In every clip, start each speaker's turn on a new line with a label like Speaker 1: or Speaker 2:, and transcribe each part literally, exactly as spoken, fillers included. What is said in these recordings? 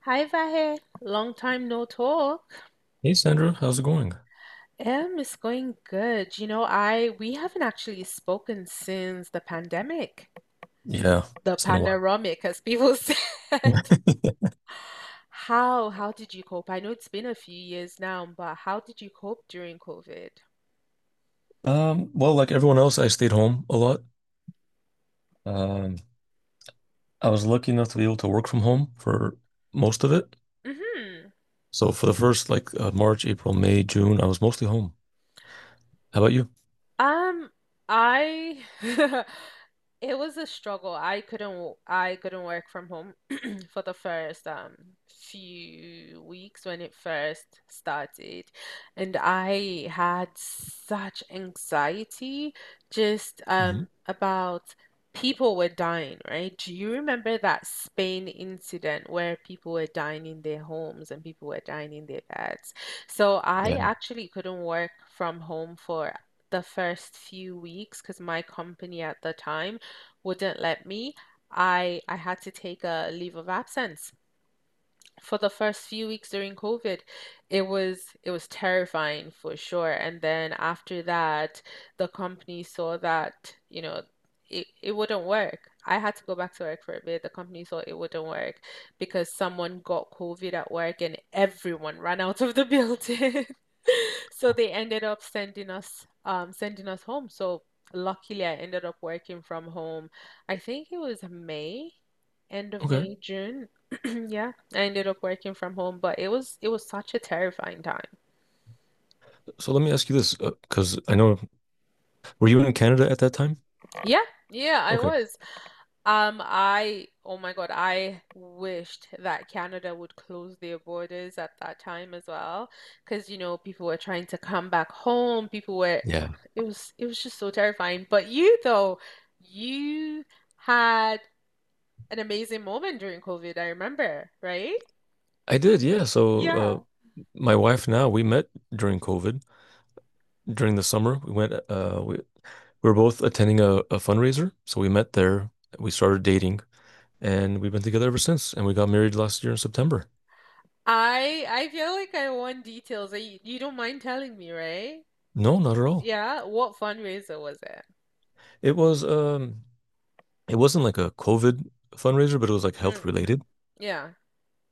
Speaker 1: Hi, Vahe. Long time no talk.
Speaker 2: Hey Sandra, how's it going?
Speaker 1: Um, it's going good. You know, I we haven't actually spoken since the pandemic,
Speaker 2: Yeah,
Speaker 1: the
Speaker 2: it's been a while.
Speaker 1: panoramic, as people said. How how did you cope? I know it's been a few years now, but how did you cope during COVID?
Speaker 2: Um, well, like everyone else, I stayed home a lot. Um, I was lucky enough to be able to work from home for most of it.
Speaker 1: Mm-hmm.
Speaker 2: So for the first like uh, March, April, May, June, I was mostly home. How about
Speaker 1: Um, I It was a struggle. I couldn't w- I couldn't work from home for the first um few weeks when it first started. And I had such anxiety just
Speaker 2: you?
Speaker 1: um about people were dying, right? Do you remember that Spain incident where people were dying in their homes and people were dying in their beds? So I
Speaker 2: Yeah.
Speaker 1: actually couldn't work from home for the first few weeks because my company at the time wouldn't let me. I I had to take a leave of absence for the first few weeks during COVID. It was it was terrifying for sure. And then after that, the company saw that, you know, it, it wouldn't work. I had to go back to work for a bit. The company thought it wouldn't work because someone got COVID at work and everyone ran out of the building. So they ended up sending us um sending us home. So luckily I ended up working from home. I think it was May, end of
Speaker 2: Okay.
Speaker 1: May, June. Yeah. I ended up working from home, but it was it was such a terrifying time.
Speaker 2: So let me ask you this, because I know, were you in Canada at that time?
Speaker 1: Yeah, yeah, I
Speaker 2: Okay.
Speaker 1: was. Um, I, oh my God, I wished that Canada would close their borders at that time as well, because you know people were trying to come back home. People were,
Speaker 2: Yeah.
Speaker 1: it was it was just so terrifying. But you though, you had an amazing moment during COVID. I remember, right?
Speaker 2: I did, yeah. So
Speaker 1: Yeah.
Speaker 2: uh, my wife now, we met during COVID, during the summer. We went, uh, we, we were both attending a, a fundraiser. So we met there. We started dating and we've been together ever since. And we got married last year in September.
Speaker 1: I I feel like I want details. You, you don't mind telling me, right?
Speaker 2: No, not at all.
Speaker 1: Yeah, what fundraiser was it?
Speaker 2: It was, um, it wasn't like a COVID fundraiser, but it was like health
Speaker 1: Mm,
Speaker 2: related.
Speaker 1: yeah.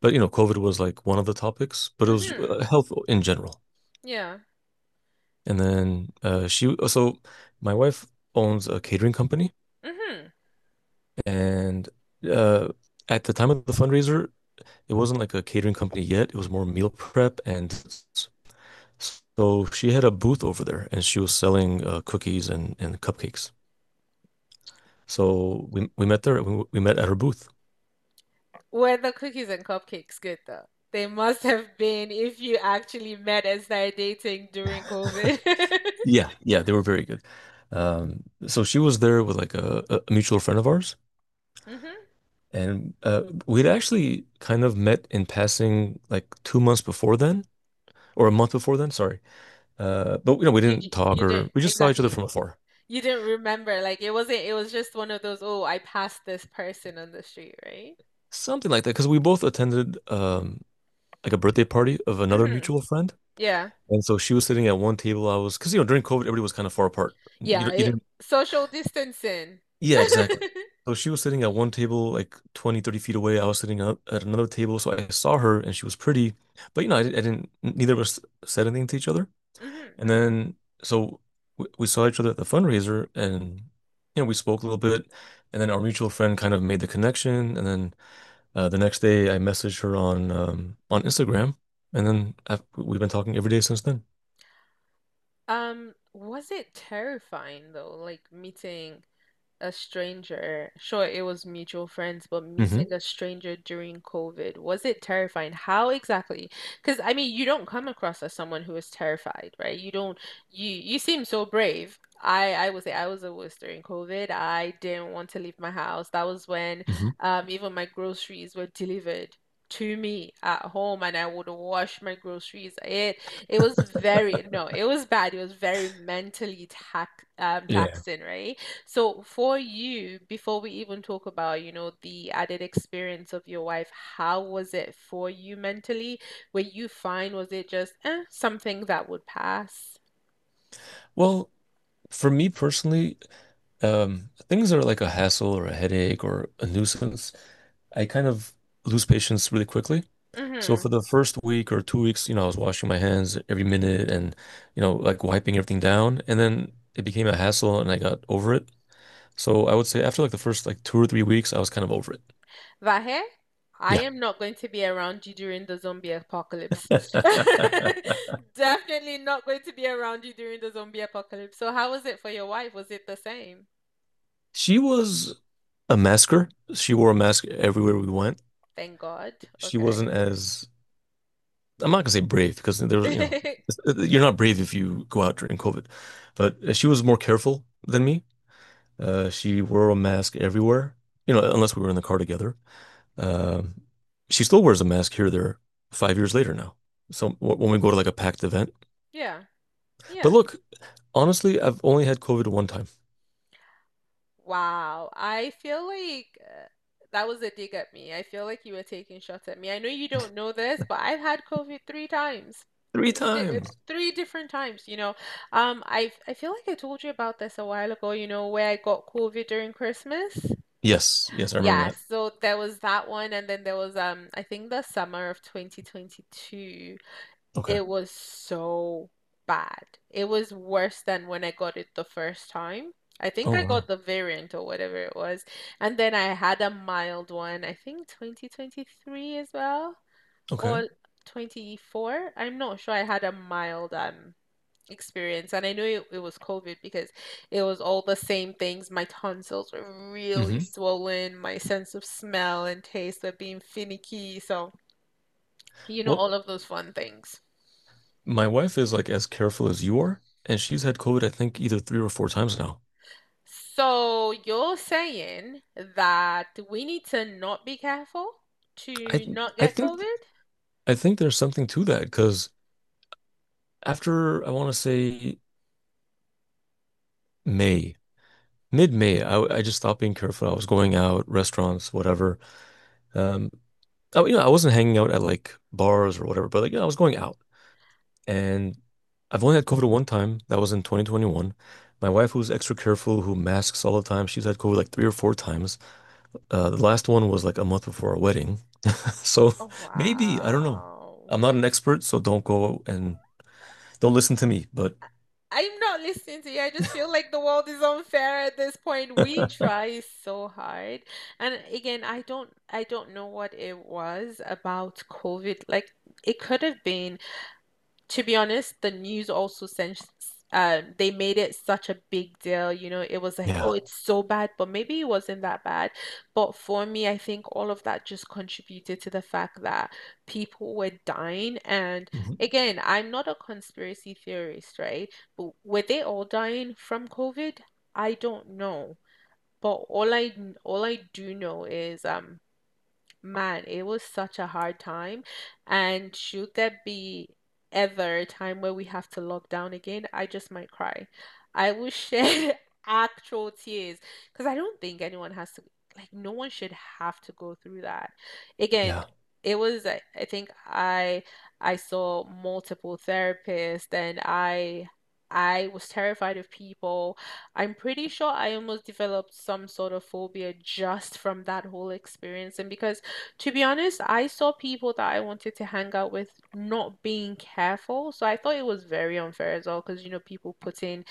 Speaker 2: But you know, COVID was like one of the topics, but it was
Speaker 1: Mm-hmm.
Speaker 2: uh, health in general.
Speaker 1: Yeah.
Speaker 2: And then uh she oh, so my wife owns a catering company
Speaker 1: Mm-hmm.
Speaker 2: and uh at the time of the fundraiser it wasn't like a catering company yet. It was more meal prep and s- so she had a booth over there and she was selling uh, cookies and and cupcakes. So we we met there. We, we met at her booth.
Speaker 1: Were the cookies and cupcakes good though? They must have been if you actually met and started dating during COVID.
Speaker 2: Yeah, yeah, they were very good. Um so she was there with like a, a mutual friend of ours,
Speaker 1: Mm-hmm.
Speaker 2: and uh we'd actually kind of met in passing like two months before then, or a month before then, sorry. Uh, but you know, we
Speaker 1: Did you
Speaker 2: didn't talk,
Speaker 1: you didn't
Speaker 2: or we just saw each other from
Speaker 1: exactly.
Speaker 2: afar,
Speaker 1: You didn't remember. Like it wasn't it was just one of those, oh, I passed this person on the street, right?
Speaker 2: something like that. Because we both attended um, like a birthday party of another
Speaker 1: Mm-hmm.
Speaker 2: mutual friend,
Speaker 1: Yeah.
Speaker 2: and so she was sitting at one table. I was, because you know during COVID everybody was kind of far apart.
Speaker 1: Yeah,
Speaker 2: You, you
Speaker 1: it,
Speaker 2: didn't,
Speaker 1: social distancing.
Speaker 2: yeah, exactly. So she was sitting at one table like twenty thirty feet away. I was sitting up at another table, so I saw her and she was pretty, but you know I, I didn't. Neither of us said anything to each other.
Speaker 1: Mm-hmm.
Speaker 2: And then so we, we saw each other at the fundraiser, and you know we spoke a little bit, and then our mutual friend kind of made the connection, and then uh, the next day I messaged her on um, on Instagram, and then I've, we've been talking every day since then.
Speaker 1: Um, was it terrifying though, like meeting a stranger? Sure, it was mutual friends, but
Speaker 2: Hmm.
Speaker 1: meeting a stranger during COVID, was it terrifying? How exactly? Because I mean, you don't come across as someone who is terrified, right? You don't you you seem so brave. I I would say I was the worst during COVID. I didn't want to leave my house. That was when
Speaker 2: Hmm.
Speaker 1: um even my groceries were delivered to me at home, and I would wash my groceries. It it was very, no, it was bad. It was very mentally tax um
Speaker 2: Yeah.
Speaker 1: taxing, right? So for you, before we even talk about, you know, the added experience of your wife, how was it for you mentally? Were you fine? Was it just eh, something that would pass?
Speaker 2: Well, for me personally, Um, things are like a hassle or a headache or a nuisance. I kind of lose patience really quickly. So
Speaker 1: Mm-hmm.
Speaker 2: for the first week or two weeks, you know, I was washing my hands every minute and, you know, like wiping everything down. And then it became a hassle and I got over it. So I would say after like the first like two or three weeks, I was kind of over it.
Speaker 1: Vahe, I
Speaker 2: Yeah.
Speaker 1: am not going to be around you during the zombie apocalypse. Definitely not going to be around you during the zombie apocalypse. So how was it for your wife? Was it the same?
Speaker 2: She was a masker. She wore a mask everywhere we went.
Speaker 1: Thank God.
Speaker 2: She wasn't
Speaker 1: Okay.
Speaker 2: as I'm not gonna say brave, because there was, you know, you're not brave if you go out during COVID, but uh, she was more careful than me. Uh, she wore a mask everywhere, you know, unless we were in the car together. Um, she still wears a mask here, or there, five years later now. So when we go to like a packed event,
Speaker 1: Yeah.
Speaker 2: but
Speaker 1: Yeah.
Speaker 2: look, honestly, I've only had COVID one time.
Speaker 1: Wow, I feel like uh, that was a dig at me. I feel like you were taking shots at me. I know you don't know this, but I've had COVID three times.
Speaker 2: Three
Speaker 1: Three di uh,
Speaker 2: times.
Speaker 1: three different times, you know. Um, I I feel like I told you about this a while ago, you know, where I got COVID during Christmas.
Speaker 2: Yes, yes, I remember
Speaker 1: Yeah,
Speaker 2: that.
Speaker 1: so there was that one and then there was um I think the summer of twenty twenty-two.
Speaker 2: Okay.
Speaker 1: It was so bad. It was worse than when I got it the first time. I think
Speaker 2: Oh
Speaker 1: I got
Speaker 2: wow.
Speaker 1: the variant or whatever it was. And then I had a mild one, I think twenty twenty-three as well,
Speaker 2: Okay.
Speaker 1: or twenty-four. I'm not sure. I had a mild um experience. And I knew it, it was COVID because it was all the same things. My tonsils were really
Speaker 2: hmm
Speaker 1: swollen. My sense of smell and taste were being finicky. So, you know,
Speaker 2: Well,
Speaker 1: all of those fun things.
Speaker 2: my wife is like as careful as you are, and she's had COVID, I think, either three or four times now.
Speaker 1: So you're saying that we need to not be careful
Speaker 2: I
Speaker 1: to
Speaker 2: th-
Speaker 1: not
Speaker 2: I
Speaker 1: get
Speaker 2: think
Speaker 1: COVID?
Speaker 2: I think there's something to that, because after I want to say May, mid-May, I I just stopped being careful. I was going out, restaurants, whatever. Um, I, you know, I wasn't hanging out at like bars or whatever, but like you I was going out, and I've only had COVID one time. That was in twenty twenty-one. My wife, who's extra careful, who masks all the time, she's had COVID like three or four times. Uh, the last one was like a month before our wedding, so
Speaker 1: Oh,
Speaker 2: maybe I don't know.
Speaker 1: wow.
Speaker 2: I'm not an expert, so don't go and don't listen to me, but.
Speaker 1: I'm not listening to you. I just feel like the world is unfair at this point. We try so hard. And again, I don't I don't know what it was about COVID. Like it could have been, to be honest, the news also sent, um, they made it such a big deal. You know, it was like, oh,
Speaker 2: Yeah.
Speaker 1: it's so bad, but maybe it wasn't that bad. But for me, I think all of that just contributed to the fact that people were dying. And
Speaker 2: Mhm.
Speaker 1: again, I'm not a conspiracy theorist, right? But were they all dying from COVID? I don't know. But all I all I do know is, um man, it was such a hard time. And should there be ever a time where we have to lock down again, I just might cry. I will shed actual tears because I don't think anyone has to, like, no one should have to go through that. Again,
Speaker 2: Yeah.
Speaker 1: it was, I I think I I saw multiple therapists, and I I was terrified of people. I'm pretty sure I almost developed some sort of phobia just from that whole experience. And because, to be honest, I saw people that I wanted to hang out with not being careful. So I thought it was very unfair as well because, you know, people putting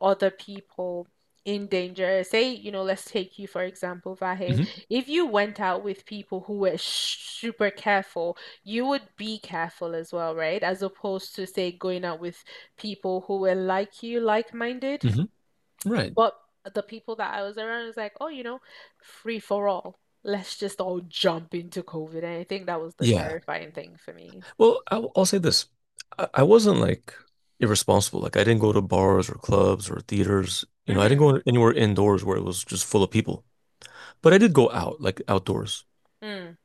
Speaker 1: other people in danger. Say, you know, let's take you for example, Vahe.
Speaker 2: Hmm.
Speaker 1: If you went out with people who were sh super careful, you would be careful as well, right? As opposed to, say, going out with people who were like you, like-minded.
Speaker 2: Hmm. Right.
Speaker 1: But the people that I was around was like, oh, you know, free for all. Let's just all jump into COVID. And I think that was the
Speaker 2: Yeah.
Speaker 1: terrifying thing for me.
Speaker 2: Well, I, will say this. I, I wasn't like irresponsible. Like I didn't go to bars or clubs or theaters. You know, I didn't
Speaker 1: Mm-hmm.
Speaker 2: go anywhere indoors where it was just full of people. But I did go out, like outdoors.
Speaker 1: Mm.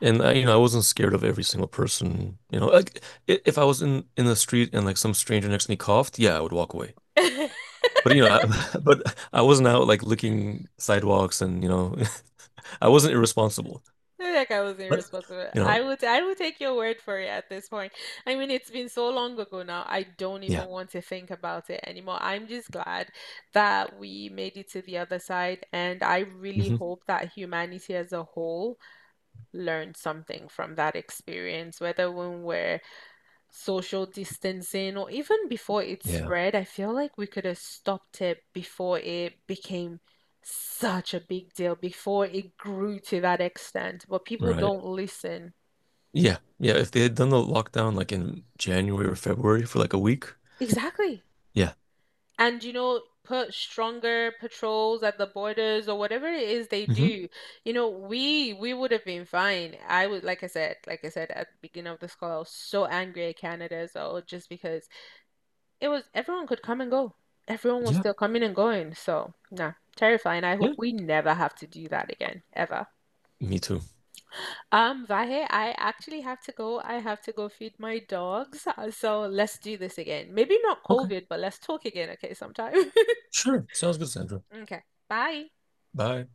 Speaker 2: And I, you know, I wasn't scared of every single person. You know, like i- if I was in in the street and like some stranger next to me coughed, yeah, I would walk away. But you know, I, but I wasn't out like licking sidewalks and you know, I wasn't irresponsible.
Speaker 1: I feel like I was
Speaker 2: But,
Speaker 1: irresponsible.
Speaker 2: you
Speaker 1: I
Speaker 2: know,
Speaker 1: would I would take your word for it at this point. I mean, it's been so long ago now. I don't even
Speaker 2: yeah.
Speaker 1: want to think about it anymore. I'm just glad that we made it to the other side, and I really
Speaker 2: Hmm.
Speaker 1: hope that humanity as a whole learned something from that experience, whether when we're social distancing or even before it
Speaker 2: Yeah,
Speaker 1: spread. I feel like we could have stopped it before it became such a big deal, before it grew to that extent. But people
Speaker 2: right.
Speaker 1: don't listen.
Speaker 2: Yeah, yeah. If they had done the lockdown like in January or February for like a week,
Speaker 1: Exactly.
Speaker 2: yeah.
Speaker 1: And you know, put stronger patrols at the borders or whatever it is they
Speaker 2: Hmm.
Speaker 1: do. You know, we we would have been fine. I would, like I said, like I said at the beginning of this call, I was so angry at Canada as well, just because it was everyone could come and go. Everyone was
Speaker 2: Yeah,
Speaker 1: still coming and going. So, nah, terrifying. I
Speaker 2: yeah.
Speaker 1: hope we never have to do that again, ever.
Speaker 2: Me too.
Speaker 1: Um, Vahe, I actually have to go. I have to go feed my dogs. Uh, So let's do this again. Maybe not
Speaker 2: Okay,
Speaker 1: COVID, but let's talk again, okay, sometime.
Speaker 2: sure. Sounds good, Sandra.
Speaker 1: Okay, bye.
Speaker 2: Bye.